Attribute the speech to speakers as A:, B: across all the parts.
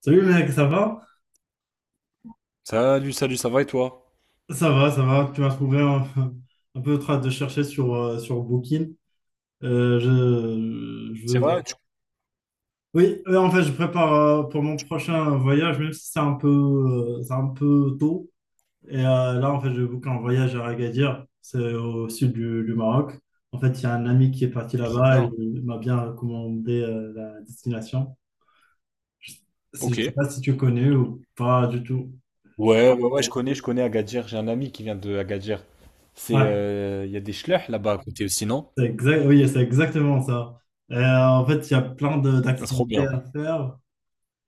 A: Salut mec, ça va?
B: Salut, salut, ça va et toi?
A: Ça va, ça va. Tu m'as trouvé un peu en train de chercher sur Booking. Je
B: C'est,
A: veux...
B: ouais, vrai?
A: Oui, en fait, je prépare pour mon prochain voyage, même si c'est un peu, c'est un peu tôt. Et là, en fait, je book un voyage à Agadir, c'est au sud du Maroc. En fait, il y a un ami qui est parti
B: Trop
A: là-bas et
B: bien.
A: il m'a bien recommandé la destination. Je
B: Ok.
A: ne sais
B: Ouais,
A: pas si tu connais ou pas du tout.
B: ouais, ouais, je, ouais, connais Agadir. J'ai un ami qui vient de Agadir. C'est,
A: Ouais.
B: il y a des schlech là-bas à côté aussi, non?
A: C'est exact, oui, c'est exactement ça. En fait, il y a plein
B: Trop
A: d'activités
B: bien.
A: à faire.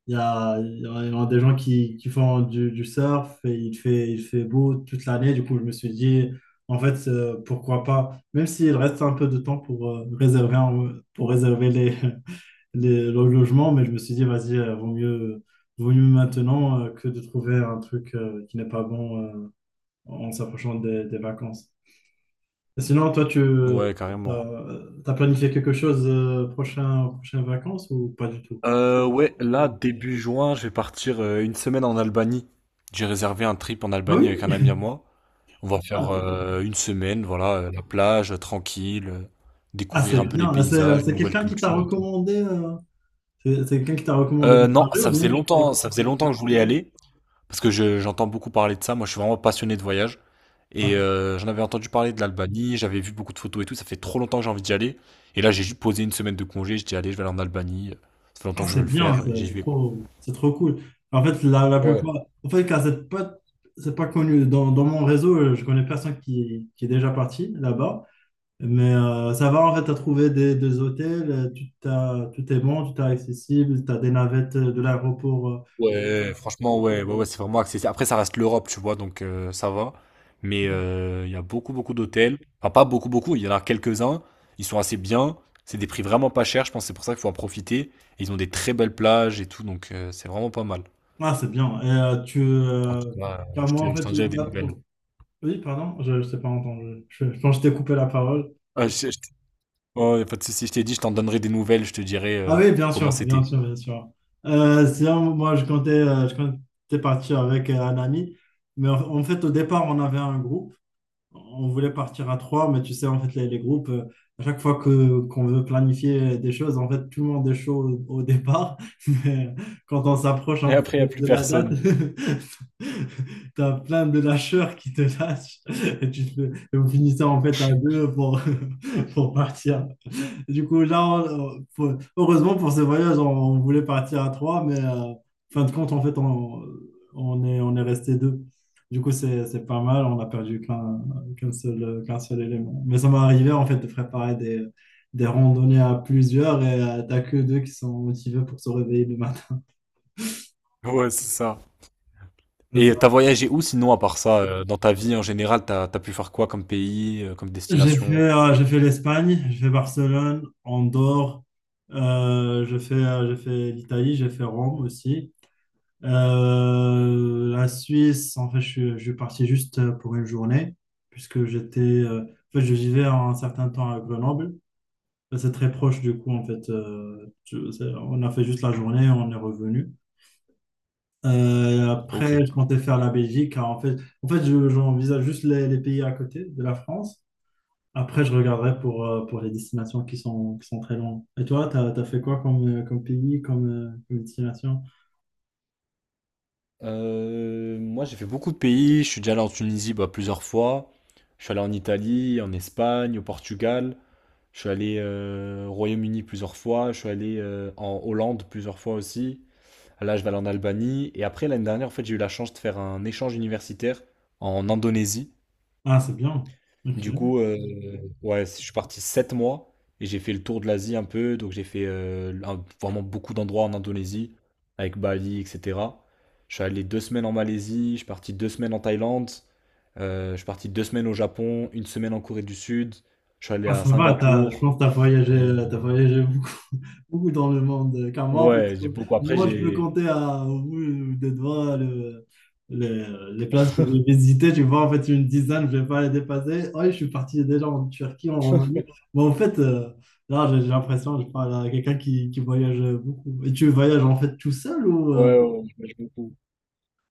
A: Il y a, il y a des gens qui font du surf et il fait beau toute l'année. Du coup, je me suis dit, en fait, pourquoi pas, même s'il reste un peu de temps pour réserver, pour réserver les, les, le logement, mais je me suis dit, vas-y, vaut mieux maintenant que de trouver un truc qui n'est pas bon en s'approchant des vacances. Sinon, toi, tu
B: Ouais, carrément.
A: as planifié quelque chose prochain, prochaines vacances ou pas du tout?
B: Ouais, là, début juin, je vais partir une semaine en Albanie. J'ai réservé un trip en
A: Ah
B: Albanie avec un
A: oui.
B: ami à moi. On va faire
A: Ah,
B: une semaine, voilà, la plage, tranquille,
A: ah, c'est
B: découvrir un peu les
A: bien. Ah, c'est
B: paysages, nouvelles
A: quelqu'un qui t'a
B: cultures et tout.
A: recommandé. C'est quelqu'un qui t'a recommandé
B: Euh,
A: le
B: non,
A: projet ou bien tu sais.
B: ça faisait longtemps que je voulais y aller. Parce que j'entends beaucoup parler de ça. Moi, je suis vraiment passionné de voyage. Et
A: Ah,
B: j'en avais entendu parler de l'Albanie, j'avais vu beaucoup de photos et tout. Ça fait trop longtemps que j'ai envie d'y aller. Et là, j'ai juste posé une semaine de congé. Je dis, allez, je vais aller en Albanie. Ça fait
A: ah,
B: longtemps que je
A: c'est
B: veux le
A: bien.
B: faire, et
A: C'est
B: j'y vais, quoi.
A: trop, c'est trop cool. En fait, la
B: Ouais,
A: plupart. En fait, car c'est pas connu. Dans, dans mon réseau, je connais personne qui est déjà parti là-bas. Mais ça va, en fait, tu as trouvé des hôtels, tout, tout est bon, tout est accessible, tu as des navettes de l'aéroport
B: ouais, franchement, ouais, ouais, ouais, c'est vraiment accessible. Après, ça reste l'Europe, tu vois, donc ça va. Mais il y a beaucoup, beaucoup d'hôtels. Enfin, pas beaucoup, beaucoup. Il y en a quelques-uns. Ils sont assez bien. C'est des prix vraiment pas chers. Je pense que c'est pour ça qu'il faut en profiter. Et ils ont des très belles plages et tout. Donc, c'est vraiment pas mal.
A: ah, c'est bien. Et tu.
B: En tout cas,
A: Car
B: je
A: moi,
B: te
A: en
B: je
A: fait,
B: t'en dirai des
A: là, pour...
B: nouvelles.
A: Oui, pardon, je ne t'ai pas entendu. Je pense que je t'ai coupé la parole.
B: Ah, je oh, y a pas de souci, je t'ai dit, je t'en donnerai des nouvelles, je te dirai,
A: Ah oui, bien
B: comment
A: sûr, bien
B: c'était.
A: sûr, bien sûr. Sinon, moi, je comptais partir avec un ami. Mais en fait, au départ, on avait un groupe. On voulait partir à trois, mais tu sais, en fait, les groupes, à chaque fois que qu'on veut planifier des choses, en fait, tout le monde est chaud au départ. Mais quand on s'approche
B: Et
A: un peu
B: après, il y a plus
A: de la date,
B: personne.
A: tu as plein de lâcheurs qui te lâchent et et vous finissez en fait à deux pour, pour partir. Du coup, là, heureusement pour ce voyage, on voulait partir à trois, mais fin de compte, en fait, on est resté deux. Du coup, c'est pas mal, on a perdu qu'un seul élément. Mais ça m'est arrivé, en fait, de préparer des randonnées à plusieurs et t'as que deux qui sont motivés pour se réveiller le matin.
B: Ouais, c'est ça.
A: C'est
B: Et
A: ça.
B: t'as voyagé où sinon à part ça, dans ta vie en général, t'as pu faire quoi comme pays, comme destination?
A: J'ai fait l'Espagne, j'ai fait Barcelone, Andorre, j'ai fait l'Italie, j'ai fait Rome aussi. La Suisse, en fait, je suis parti juste pour une journée, puisque j'étais, en fait, je vivais un certain temps à Grenoble. C'est très proche, du coup, en fait, on a fait juste la journée, on est revenu.
B: OK.
A: Après, je comptais faire la Belgique. Car en fait, j'envisage juste les pays à côté de la France. Après, je regarderai pour les destinations qui sont très loin. Et toi, t'as fait quoi comme, comme pays, comme, comme destination?
B: Moi, j'ai fait beaucoup de pays. Je suis déjà allé en Tunisie, bah, plusieurs fois. Je suis allé en Italie, en Espagne, au Portugal. Je suis allé au Royaume-Uni plusieurs fois. Je suis allé en Hollande plusieurs fois aussi. Là, je vais aller en Albanie. Et après, l'année dernière, en fait, j'ai eu la chance de faire un échange universitaire en Indonésie.
A: Ah, c'est bien. OK.
B: Du coup, ouais, je suis parti 7 mois et j'ai fait le tour de l'Asie un peu. Donc, j'ai fait vraiment beaucoup d'endroits en Indonésie, avec Bali, etc. Je suis allé 2 semaines en Malaisie, je suis parti 2 semaines en Thaïlande, je suis parti 2 semaines au Japon, une semaine en Corée du Sud, je suis allé
A: Ah,
B: à
A: ça va, je
B: Singapour.
A: pense que tu as
B: Euh,
A: voyagé, t'as voyagé beaucoup, beaucoup dans le monde. Car moi, en
B: ouais,
A: fait,
B: j'ai beaucoup. Après,
A: moi, je peux
B: j'ai.
A: compter à, au bout des doigts les places que j'ai visitées. Tu vois, en fait, une dizaine, je ne vais pas les dépasser. Oui, je suis parti déjà en Turquie, en Roumanie. Mais en fait, là, j'ai l'impression que je parle à quelqu'un qui voyage beaucoup. Et tu voyages, en fait, tout seul ou...
B: Ouais, ouais, ouais, je voyage beaucoup.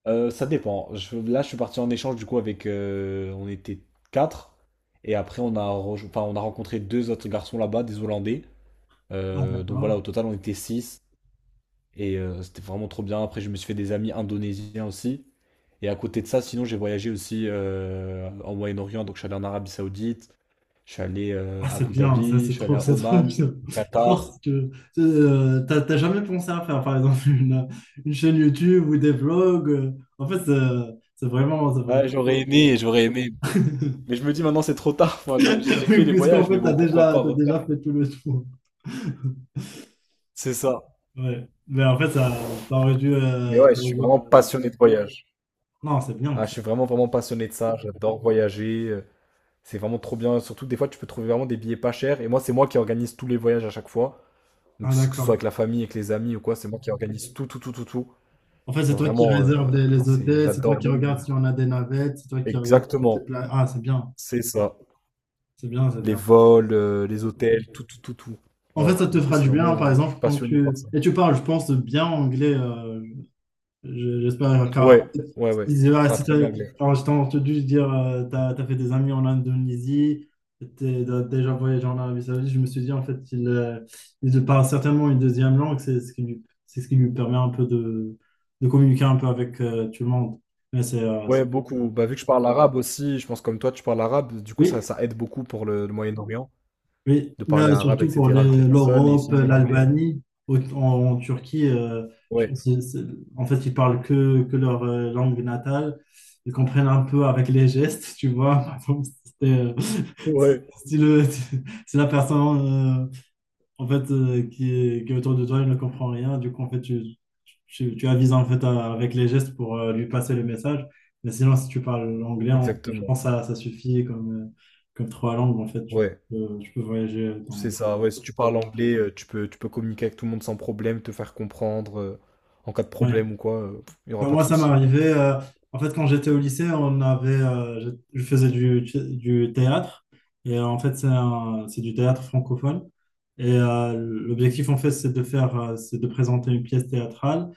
B: Ça dépend. Là, je suis parti en échange du coup avec, on était quatre. Et après, on a rencontré deux autres garçons là-bas, des Hollandais.
A: ah,
B: Donc voilà, au
A: d'accord.
B: total, on était six. Et c'était vraiment trop bien. Après, je me suis fait des amis indonésiens aussi. Et à côté de ça, sinon, j'ai voyagé aussi en Moyen-Orient. Donc, je suis allé en Arabie Saoudite. Je suis allé
A: Ah,
B: à
A: c'est
B: Abu
A: bien, ça
B: Dhabi. Je suis allé à
A: c'est trop
B: Oman,
A: bien. Je pense
B: Qatar.
A: que t'as jamais pensé à faire par exemple une chaîne YouTube ou des vlogs. En fait, c'est vraiment, c'est vraiment.
B: Ouais, j'aurais aimé, j'aurais aimé. Mais je me dis maintenant, c'est trop tard. Enfin, j'ai
A: Oui,
B: fait les
A: puisqu'en
B: voyages, mais
A: fait,
B: bon, pourquoi pas
A: t'as
B: refaire?
A: déjà fait tout le tour.
B: C'est ça.
A: Ouais. Mais en fait, ça aurait dû.
B: Mais ouais, je suis vraiment passionné de voyage.
A: Non, c'est bien.
B: Ah, je suis vraiment, vraiment passionné de ça. J'adore voyager. C'est vraiment trop bien. Surtout, des fois, tu peux trouver vraiment des billets pas chers. Et moi, c'est moi qui organise tous les voyages à chaque fois. Donc,
A: Ah,
B: c'est que ce soit
A: d'accord.
B: avec la famille, avec les amis ou quoi, c'est moi qui organise tout, tout, tout, tout, tout.
A: En fait,
B: Et
A: c'est toi qui
B: vraiment,
A: réserve
B: non,
A: les
B: c'est,
A: hôtels, c'est toi
B: j'adore
A: qui
B: même.
A: regarde si on a des navettes, c'est toi qui regarde.
B: Exactement.
A: Ah, c'est bien,
B: C'est ça.
A: c'est bien, c'est
B: Les
A: bien.
B: vols, les hôtels, tout, tout, tout, tout.
A: En fait,
B: Ouais.
A: ça te
B: Du coup,
A: fera
B: c'est
A: du bien, par
B: vraiment, je
A: exemple,
B: suis
A: quand
B: passionné par.
A: tu... Et tu parles, je pense, bien anglais. Je- j'espère, car
B: Ouais, ouais, ouais.
A: si si, ah,
B: Pas
A: si
B: très bien
A: t'as- si t'as-
B: anglais.
A: quand je t'ai entendu dire t'as fait des amis en Indonésie, t'as déjà voyagé en Arabie Saoudite, je me suis dit, en fait, il parle certainement une deuxième langue. C'est ce c'est ce qui lui permet un peu de communiquer un peu avec tout le monde. Mais c'est...
B: Ouais, beaucoup. Bah, vu que je parle arabe aussi, je pense comme toi, tu parles arabe, du coup, ça,
A: oui,
B: ça aide beaucoup pour le Moyen-Orient,
A: oui,
B: de
A: mais
B: parler arabe,
A: surtout pour
B: etc., avec les personnes, et
A: l'Europe,
B: sinon l'anglais, hein.
A: l'Albanie, en, en Turquie, je
B: Ouais,
A: pense que en fait, ils parlent que leur langue natale. Ils comprennent un peu avec les gestes, tu vois. Par exemple, c'est, si,
B: ouais,
A: si le- si la personne en fait, qui est autour de toi, il ne comprend rien. Du coup, en fait, tu avises en fait avec les gestes pour lui passer le message. Mais sinon, si tu parles anglais, fait, je
B: exactement.
A: pense que ça suffit comme, comme trois langues. En fait, tu peux voyager
B: C'est
A: dans...
B: ça, ouais, si tu parles anglais, tu peux, euh, en cas
A: Ouais.
B: de- il n'y aura
A: Alors,
B: pas de
A: moi, ça m'est
B: souci, quoi.
A: arrivé. En fait, quand j'étais au lycée, on avait, je faisais du théâtre. Et en fait, c'est c'est du théâtre francophone. Et l'objectif, en fait, c'est de faire, c'est de présenter une pièce théâtrale.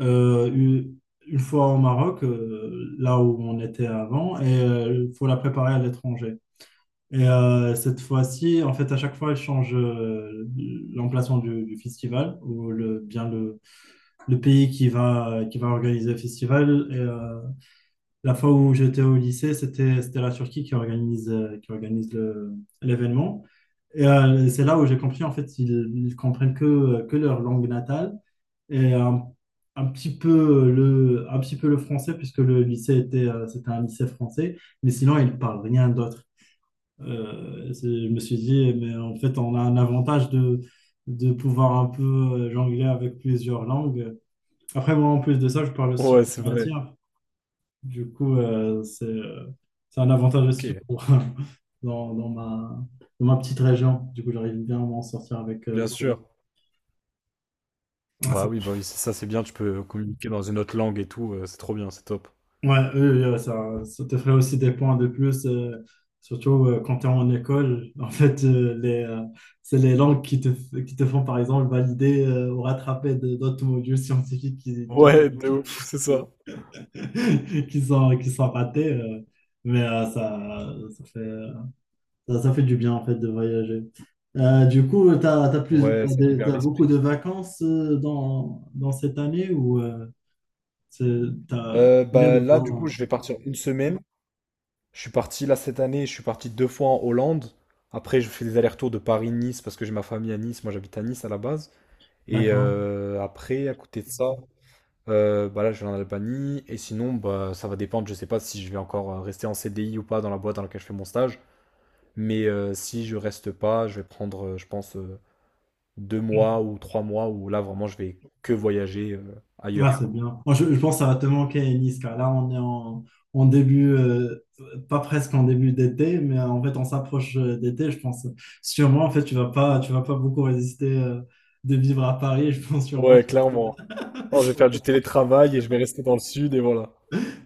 A: euh, une, une fois au Maroc, là où on était avant, et il faut la préparer à l'étranger. Et cette fois-ci, en fait, à chaque fois, elle change l'emplacement du festival ou le, bien le pays qui va organiser le festival. Et, la fois où j'étais au lycée, c'était, c'était la Turquie qui organise l'événement. Et c'est là où j'ai compris, en fait, ils comprennent que leur langue natale et un petit peu un petit peu le français, puisque le lycée était, c'était un lycée français, mais sinon, il ne parle rien d'autre. Je me suis dit, mais en fait, on a un avantage de pouvoir un peu jongler avec plusieurs langues. Après, moi, en plus de ça, je parle aussi
B: Ouais, c'est vrai,
A: matière. Du coup, c'est un avantage aussi
B: ok,
A: pour- dans, dans ma petite région. Du coup, j'arrive bien à m'en sortir avec,
B: bien
A: avec...
B: sûr.
A: eux.
B: Bah oui, c'est ça, c'est bien, tu peux communiquer dans une autre langue et tout, c'est trop bien, c'est top.
A: Ouais, eux, ça, ça te ferait aussi des points de plus, surtout quand tu es en école. En fait, les, c'est les langues qui te, qui te font, par exemple, valider ou rattraper d'autres modules scientifiques qui, ont-
B: Ouais, de ouf, c'est ça.
A: qui sont ratés. Mais ça fait, ça fait du bien, en fait, de voyager. Du coup,
B: Ouais,
A: t'as
B: ça
A: des-
B: libère
A: t'as beaucoup
B: l'esprit.
A: de vacances dans, dans cette année ou c'est- t'as
B: Euh,
A: combien
B: bah
A: de
B: là, du coup,
A: jours?
B: je vais partir une semaine. Je suis parti là cette année, je suis parti deux fois en Hollande. Après, je fais des allers-retours de Paris-Nice parce que j'ai ma famille à Nice. Moi, j'habite à Nice à la base. Et
A: D'accord.
B: après, à côté de ça, bah là, je vais en Albanie. Et sinon, bah, ça va dépendre. Je sais pas si je vais encore rester en CDI ou pas dans la boîte dans laquelle je fais mon stage. Mais si je reste pas, je vais prendre, je pense, 2 mois ou 3 mois où là, vraiment, je vais que voyager ailleurs,
A: Ah c'est
B: quoi.
A: bien. Moi, je pense que ça va te manquer, Nice, car là, on est en début, pas presque en début d'été, mais en fait, on s'approche d'été, je pense. Sûrement, en fait, tu vas pas beaucoup résister de vivre à Paris, je pense sûrement.
B: Ouais, clairement. Oh, je vais faire du télétravail et je vais rester dans le sud et voilà.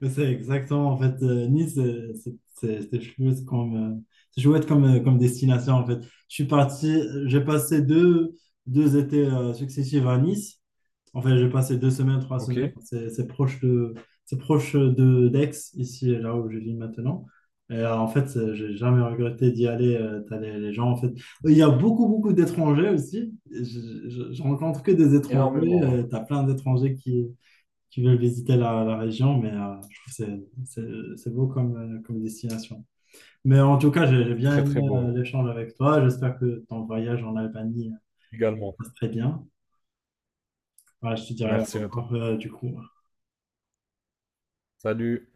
A: Mais c'est exactement, en fait, Nice, c'est chouette comme, comme destination, en fait. Je suis parti, j'ai passé deux, deux étés successifs à Nice. En fait, j'ai passé deux semaines, trois
B: Ok.
A: semaines. C'est proche de d'Aix, ici, là où je vis maintenant. Et en fait, j'ai jamais regretté d'y aller. T'as les gens, en fait. Il y a beaucoup, beaucoup d'étrangers aussi. Je rencontre que des étrangers.
B: Énormément, ouais.
A: T'as plein d'étrangers qui veulent visiter la, la région, mais je trouve que c'est beau comme, comme destination. Mais en tout cas, j'ai bien
B: Très,
A: aimé
B: très beau, ouais.
A: l'échange avec toi. J'espère que ton voyage en Albanie
B: Également.
A: se passe très bien. Voilà, je te dirai
B: Merci
A: au
B: à toi.
A: revoir du coup.
B: Salut.